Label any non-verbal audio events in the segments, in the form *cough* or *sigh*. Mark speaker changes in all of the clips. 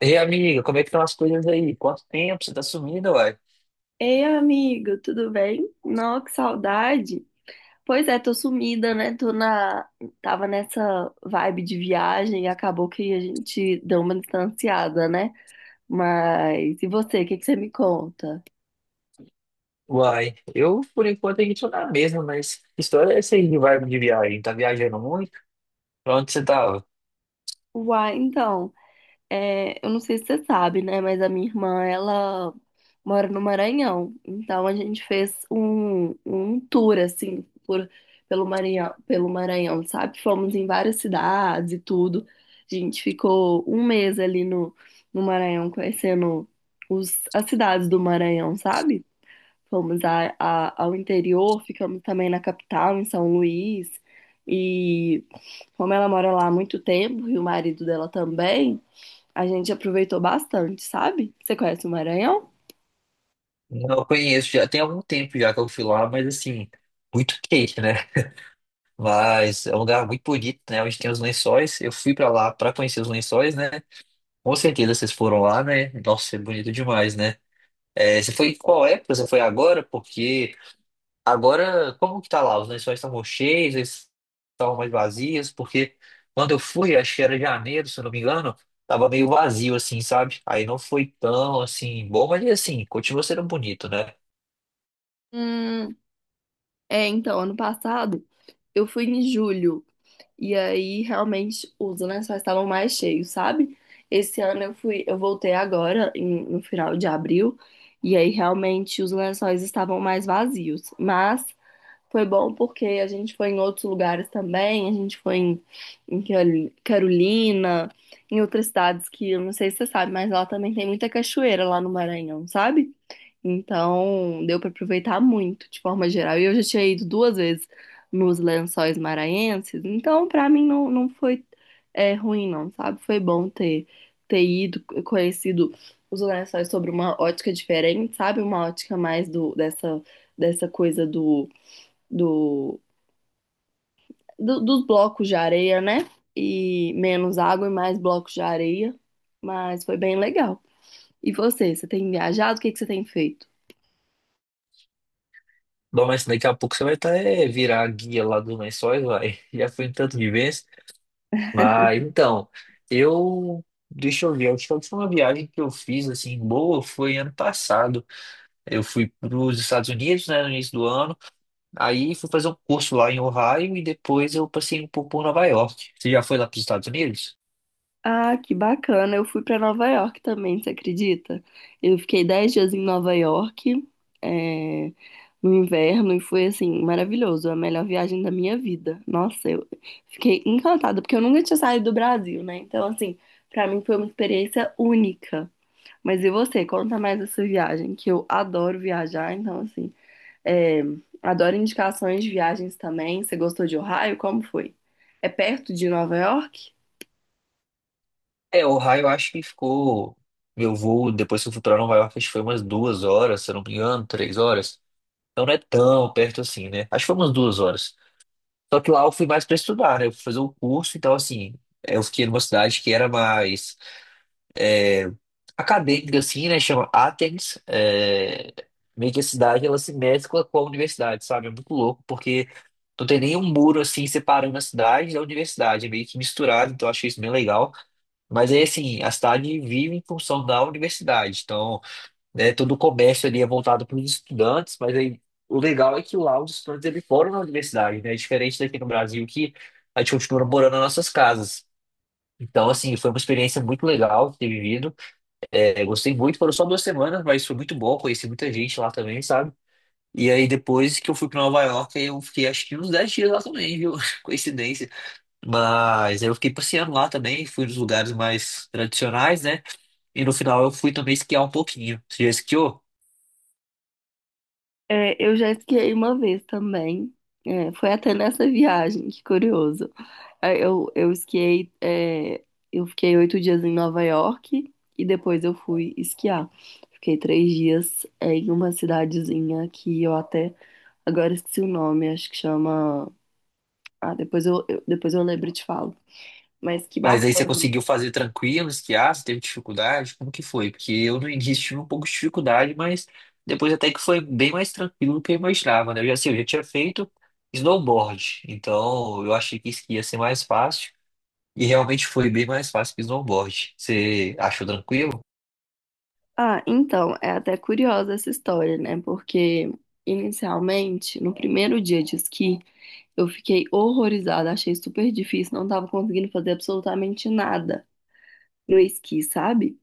Speaker 1: Ei, amiga, como é que estão as coisas aí? Quanto tempo você tá sumida, uai?
Speaker 2: Ei, amigo, tudo bem? Não que saudade. Pois é, tô sumida, né? Tô na... Tava nessa vibe de viagem e acabou que a gente deu uma distanciada, né? Mas e você, o que que você me conta?
Speaker 1: Uai, eu por enquanto aqui tô na mesma, mas que história é essa aí de vibe de viagem? Tá viajando muito? Pra onde você tava?
Speaker 2: Uai, então. É, eu não sei se você sabe, né? Mas a minha irmã, ela mora no Maranhão. Então a gente fez um tour, assim, por, pelo Maranhão, sabe? Fomos em várias cidades e tudo. A gente ficou um mês ali no Maranhão, conhecendo as cidades do Maranhão, sabe? Fomos ao interior, ficamos também na capital, em São Luís. E como ela mora lá há muito tempo, e o marido dela também. A gente aproveitou bastante, sabe? Você conhece o Maranhão?
Speaker 1: Não conheço, já tem algum tempo já que eu fui lá, mas assim, muito quente, né? Mas é um lugar muito bonito, né? Onde tem os lençóis. Eu fui pra lá pra conhecer os lençóis, né? Com certeza vocês foram lá, né? Nossa, é bonito demais, né? É, você foi em qual época? Você foi agora? Porque agora, como que tá lá? Os lençóis estão cheios, eles estão mais vazios, porque quando eu fui, acho que era janeiro, se eu não me engano, tava meio vazio, assim, sabe? Aí não foi tão, assim, bom, mas assim, continua sendo bonito, né?
Speaker 2: Hum, É, então, ano passado eu fui em julho e aí realmente os lençóis estavam mais cheios, sabe? Esse ano eu fui, eu voltei agora no final de abril e aí realmente os lençóis estavam mais vazios, mas foi bom porque a gente foi em outros lugares também, a gente foi em, em Carolina, em outras cidades que eu não sei se você sabe, mas lá também tem muita cachoeira lá no Maranhão, sabe? Então deu pra aproveitar muito de forma geral. E eu já tinha ido duas vezes nos Lençóis Maranhenses, então pra mim não, não foi é, ruim não, sabe? Foi bom ter, ter ido, conhecido os Lençóis sobre uma ótica diferente, sabe? Uma ótica mais dessa coisa do, dos blocos de areia, né? E menos água e mais blocos de areia. Mas foi bem legal. E você, tem viajado? O que que você tem feito?
Speaker 1: Bom, mas daqui a pouco você vai tá, é, virar a guia lá dos lençóis, vai. *laughs* Já foi um tanto de vez. Mas, então, eu... Deixa eu ver, acho que a última viagem que eu fiz, assim, boa, foi ano passado. Eu fui para os Estados Unidos, né, no início do ano. Aí fui fazer um curso lá em Ohio e depois eu passei um pouco por Nova York. Você já foi lá para os Estados Unidos?
Speaker 2: Ah, que bacana. Eu fui para Nova York também, você acredita? Eu fiquei 10 dias em Nova York, é, no inverno, e foi assim, maravilhoso. A melhor viagem da minha vida. Nossa, eu fiquei encantada, porque eu nunca tinha saído do Brasil, né? Então, assim, para mim foi uma experiência única. Mas e você? Conta mais essa viagem, que eu adoro viajar, então assim, é, adoro indicações de viagens também. Você gostou de Ohio? Como foi? É perto de Nova York?
Speaker 1: É, Ohio eu acho que ficou. Meu voo, depois que eu fui para Nova York, acho que foi umas 2 horas, se eu não me engano, 3 horas. Então não é tão perto assim, né? Acho que foi umas duas horas. Só que lá eu fui mais para estudar, né? Eu fui fazer um curso, então assim, eu fiquei numa cidade que era mais é, acadêmica, assim, né? Chama Athens. É, meio que a cidade ela se mescla com a universidade, sabe? É muito louco, porque não tem nenhum muro assim separando a cidade da universidade, é meio que misturado, então eu achei isso bem legal. Mas aí, assim, a cidade vive em função da universidade, então, né, todo o comércio ali é voltado para os estudantes, mas aí o legal é que lá os estudantes eles foram na universidade, né? É diferente daqui no Brasil que a gente continua morando nas nossas casas. Então, assim, foi uma experiência muito legal ter vivido. É, gostei muito, foram só 2 semanas, mas foi muito bom, conheci muita gente lá também, sabe? E aí depois que eu fui pra Nova York, aí eu fiquei acho que uns 10 dias lá também, viu? *laughs* Coincidência. Mas aí eu fiquei passeando lá também, fui nos lugares mais tradicionais, né? E no final eu fui também esquiar um pouquinho. Você já esquiou?
Speaker 2: É, eu já esquiei uma vez também. É, foi até nessa viagem, que curioso. É, eu esquiei. Eu fiquei 8 dias em Nova York e depois eu fui esquiar. Fiquei 3 dias em uma cidadezinha que eu até agora esqueci o nome, acho que chama... Ah, depois depois eu lembro e te falo. Mas que
Speaker 1: Mas aí você
Speaker 2: bacana.
Speaker 1: conseguiu fazer tranquilo, esquiar, você teve dificuldade? Como que foi? Porque eu no início tive um pouco de dificuldade, mas depois até que foi bem mais tranquilo do que eu imaginava, né? Eu já, assim, eu já tinha feito snowboard, então eu achei que esqui ia ser mais fácil, e realmente foi bem mais fácil que snowboard. Você achou tranquilo?
Speaker 2: Ah, então, é até curiosa essa história, né? Porque inicialmente, no primeiro dia de esqui, eu fiquei horrorizada, achei super difícil, não tava conseguindo fazer absolutamente nada no esqui, sabe?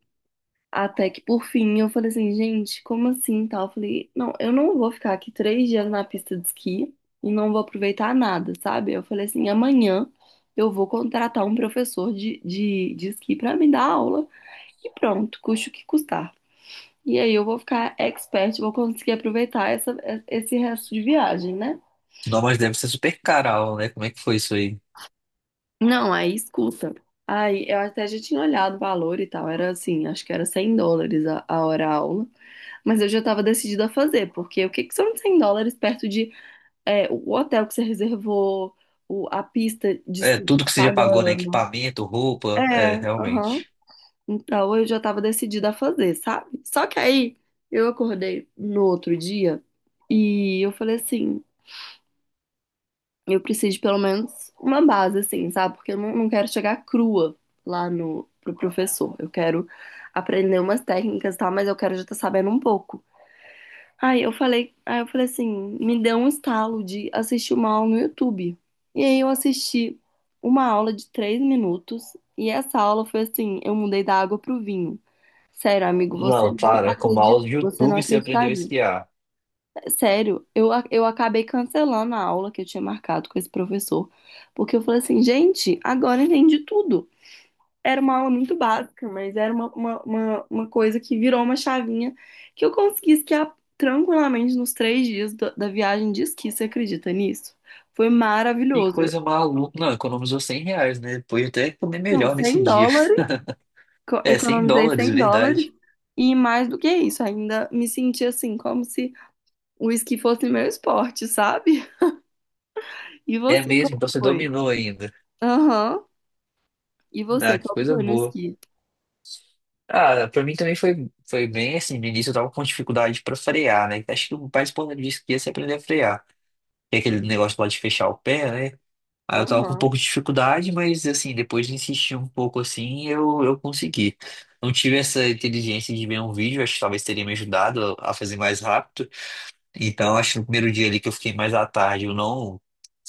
Speaker 2: Até que por fim eu falei assim, gente, como assim, tal? Eu falei, não, eu não vou ficar aqui 3 dias na pista de esqui e não vou aproveitar nada, sabe? Eu falei assim, amanhã eu vou contratar um professor de esqui pra me dar aula. E pronto, custe o que custar. E aí eu vou ficar expert, vou conseguir aproveitar essa, esse resto de viagem, né?
Speaker 1: Não, mas deve ser super caro, a aula, né? Como é que foi isso aí?
Speaker 2: Não, aí escuta. Aí eu até já tinha olhado o valor e tal, era assim, acho que era US$ 100 a hora aula, mas eu já estava decidida a fazer, porque o que, que são US$ 100 perto de, é, o hotel que você reservou, a pista de
Speaker 1: É,
Speaker 2: esqui que você
Speaker 1: tudo
Speaker 2: tá
Speaker 1: que você já pagou, né?
Speaker 2: pagando?
Speaker 1: Equipamento, roupa, é,
Speaker 2: É, aham.
Speaker 1: realmente.
Speaker 2: Então eu já estava decidida a fazer, sabe? Só que aí eu acordei no outro dia e eu falei assim, eu preciso de pelo menos uma base, assim, sabe? Porque eu não quero chegar crua lá no pro professor. Eu quero aprender umas técnicas, e tal, mas eu quero já estar sabendo um pouco. Aí eu falei assim, me deu um estalo de assistir uma aula no YouTube. E aí eu assisti uma aula de 3 minutos e essa aula foi assim, eu mudei da água pro vinho. Sério, amigo, você
Speaker 1: Não,
Speaker 2: não
Speaker 1: claro, é com o
Speaker 2: acredita,
Speaker 1: mouse do
Speaker 2: você não
Speaker 1: YouTube você aprendeu a
Speaker 2: acreditaria.
Speaker 1: esquiar.
Speaker 2: Sério, eu acabei cancelando a aula que eu tinha marcado com esse professor, porque eu falei assim, gente, agora eu entendi tudo. Era uma aula muito básica, mas era uma coisa que virou uma chavinha que eu consegui esquiar tranquilamente nos 3 dias da viagem de esqui. Você acredita nisso? Foi
Speaker 1: Que
Speaker 2: maravilhoso.
Speaker 1: coisa maluca. Não, economizou R$ 100, né? Pode até comer
Speaker 2: Não,
Speaker 1: melhor nesse
Speaker 2: 100
Speaker 1: dia. *laughs*
Speaker 2: dólares,
Speaker 1: É, 100
Speaker 2: economizei
Speaker 1: dólares,
Speaker 2: US$ 100.
Speaker 1: verdade.
Speaker 2: E mais do que isso, ainda me senti assim, como se o esqui fosse meu esporte, sabe? E
Speaker 1: É
Speaker 2: você,
Speaker 1: mesmo, então
Speaker 2: como
Speaker 1: você
Speaker 2: foi?
Speaker 1: dominou ainda.
Speaker 2: Aham. E
Speaker 1: Ah,
Speaker 2: você,
Speaker 1: que
Speaker 2: como
Speaker 1: coisa
Speaker 2: foi no
Speaker 1: boa.
Speaker 2: esqui?
Speaker 1: Ah, pra mim também foi, foi bem assim. No início eu tava com dificuldade pra frear, né? Acho que o mais importante disso que ia se aprender a frear. Que é aquele negócio que pode fechar o pé, né? Aí eu tava com um
Speaker 2: Aham.
Speaker 1: pouco de dificuldade, mas assim, depois de insistir um pouco assim, eu consegui. Não tive essa inteligência de ver um vídeo, acho que talvez teria me ajudado a fazer mais rápido. Então, acho que no primeiro dia ali que eu fiquei mais à tarde, eu não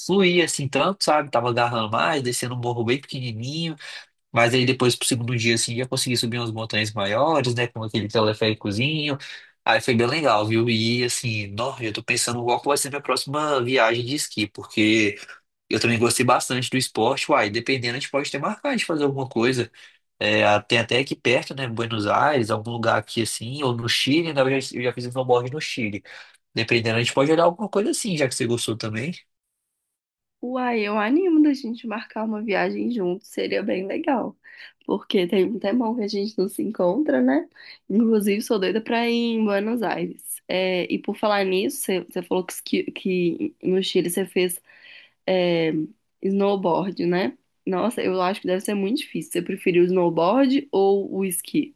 Speaker 1: fluía assim tanto, sabe? Tava agarrando mais, descendo um morro bem pequenininho. Mas aí depois pro segundo dia, assim, já consegui subir umas montanhas maiores, né? Com aquele teleféricozinho. Aí foi bem legal, viu? E assim, nossa, eu tô pensando qual que vai ser minha próxima viagem de esqui, porque eu também gostei bastante do esporte. Uai, dependendo, a gente pode ter marcado de fazer alguma coisa. É, tem até aqui perto, né? Buenos Aires, algum lugar aqui assim, ou no Chile, na verdade eu já fiz um snowboard no Chile. Dependendo, a gente pode olhar alguma coisa assim, já que você gostou também.
Speaker 2: Uai, eu animo da gente marcar uma viagem junto, seria bem legal. Porque tem um tempão que a gente não se encontra, né? Inclusive, sou doida pra ir em Buenos Aires. É, e por falar nisso, você falou que, que no Chile você fez, é, snowboard, né? Nossa, eu acho que deve ser muito difícil. Você preferiu o snowboard ou o esqui?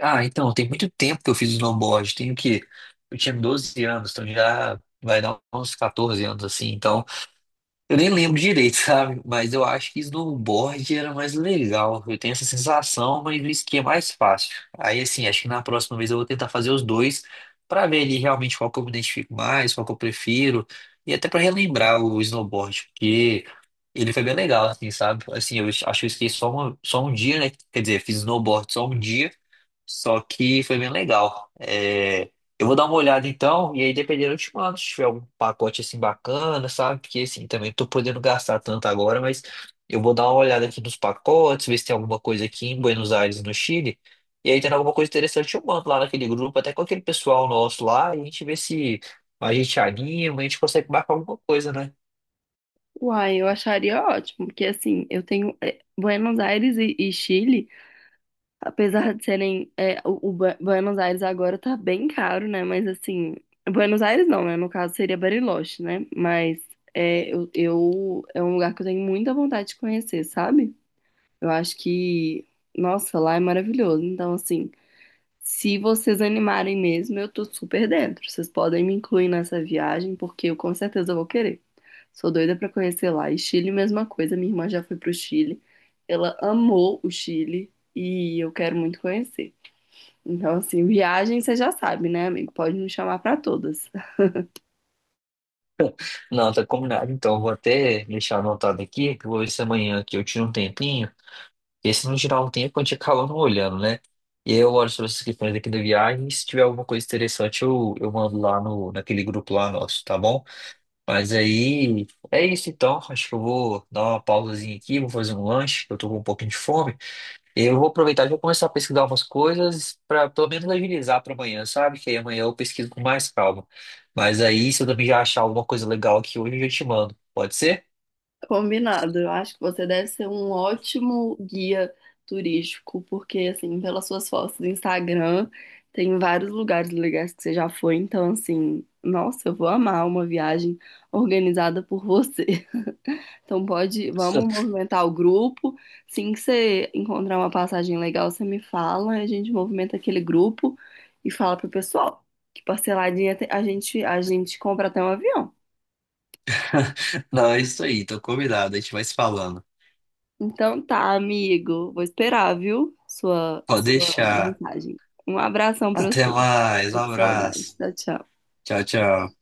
Speaker 1: Ah, então, tem muito tempo que eu fiz snowboard. Tenho que. Eu tinha 12 anos, então já vai dar uns 14 anos assim. Então, eu nem lembro direito, *laughs* sabe? Mas eu acho que snowboard era mais legal. Eu tenho essa sensação, mas o esqui é mais fácil. Aí, assim, acho que na próxima vez eu vou tentar fazer os dois pra ver ali realmente qual que eu me identifico mais, qual que eu prefiro. E até pra relembrar o snowboard, porque ele foi bem legal, assim, sabe? Assim, eu acho que eu esqueci só, só um dia, né? Quer dizer, fiz snowboard só um dia, só que foi bem legal. É, eu vou dar uma olhada então, e aí dependendo eu te mando, se tiver algum pacote assim bacana, sabe? Porque assim, também não tô podendo gastar tanto agora, mas eu vou dar uma olhada aqui nos pacotes, ver se tem alguma coisa aqui em Buenos Aires, no Chile. E aí tendo alguma coisa interessante, eu mando lá naquele grupo, até com aquele pessoal nosso lá, e a gente vê se a gente anima, a gente consegue marcar alguma coisa, né?
Speaker 2: Uai, eu acharia ótimo, porque assim, eu tenho, Buenos Aires e Chile, apesar de serem, o Buenos Aires agora tá bem caro, né? Mas assim, Buenos Aires não, né? No caso seria Bariloche, né? Mas é um lugar que eu tenho muita vontade de conhecer, sabe? Eu acho que, nossa, lá é maravilhoso. Então, assim, se vocês animarem mesmo, eu tô super dentro. Vocês podem me incluir nessa viagem, porque eu com certeza vou querer. Sou doida pra conhecer lá. E Chile, mesma coisa. Minha irmã já foi pro Chile. Ela amou o Chile e eu quero muito conhecer. Então, assim, viagem você já sabe, né, amigo? Pode me chamar pra todas.
Speaker 1: Não, tá combinado. Então, eu vou até deixar anotado aqui, que eu vou ver se amanhã aqui eu tiro um tempinho. Esse no geral não tem a quantia acaba não olhando, né? E eu olho sobre essas questões aqui da viagem. E se tiver alguma coisa interessante, eu mando lá no, naquele grupo lá nosso, tá bom? Mas aí é isso então. Acho que eu vou dar uma pausazinha aqui, vou fazer um lanche, que eu tô com um pouquinho de fome. Eu vou aproveitar e vou começar a pesquisar umas coisas para pelo menos agilizar para amanhã, sabe? Que aí amanhã eu pesquiso com mais calma. Mas aí, se eu também já achar alguma coisa legal aqui hoje, eu já te mando. Pode ser?
Speaker 2: *laughs* Combinado. Eu acho que você deve ser um ótimo guia turístico, porque, assim, pelas suas fotos do Instagram, tem vários lugares legais que você já foi. Então, assim, nossa, eu vou amar uma viagem organizada por você. *laughs* Então pode, vamos movimentar o grupo. Assim que você encontrar uma passagem legal, você me fala, a gente movimenta aquele grupo e fala pro pessoal que parceladinha a gente compra até um avião.
Speaker 1: *laughs* Não, é isso aí, tô convidado, a gente vai se falando.
Speaker 2: Então tá, amigo, vou esperar, viu? Sua
Speaker 1: Pode
Speaker 2: sua
Speaker 1: deixar.
Speaker 2: mensagem. Um abração pra
Speaker 1: Até
Speaker 2: você.
Speaker 1: mais. Um
Speaker 2: Tô com saudade.
Speaker 1: abraço.
Speaker 2: Tchau, tchau.
Speaker 1: Tchau, tchau.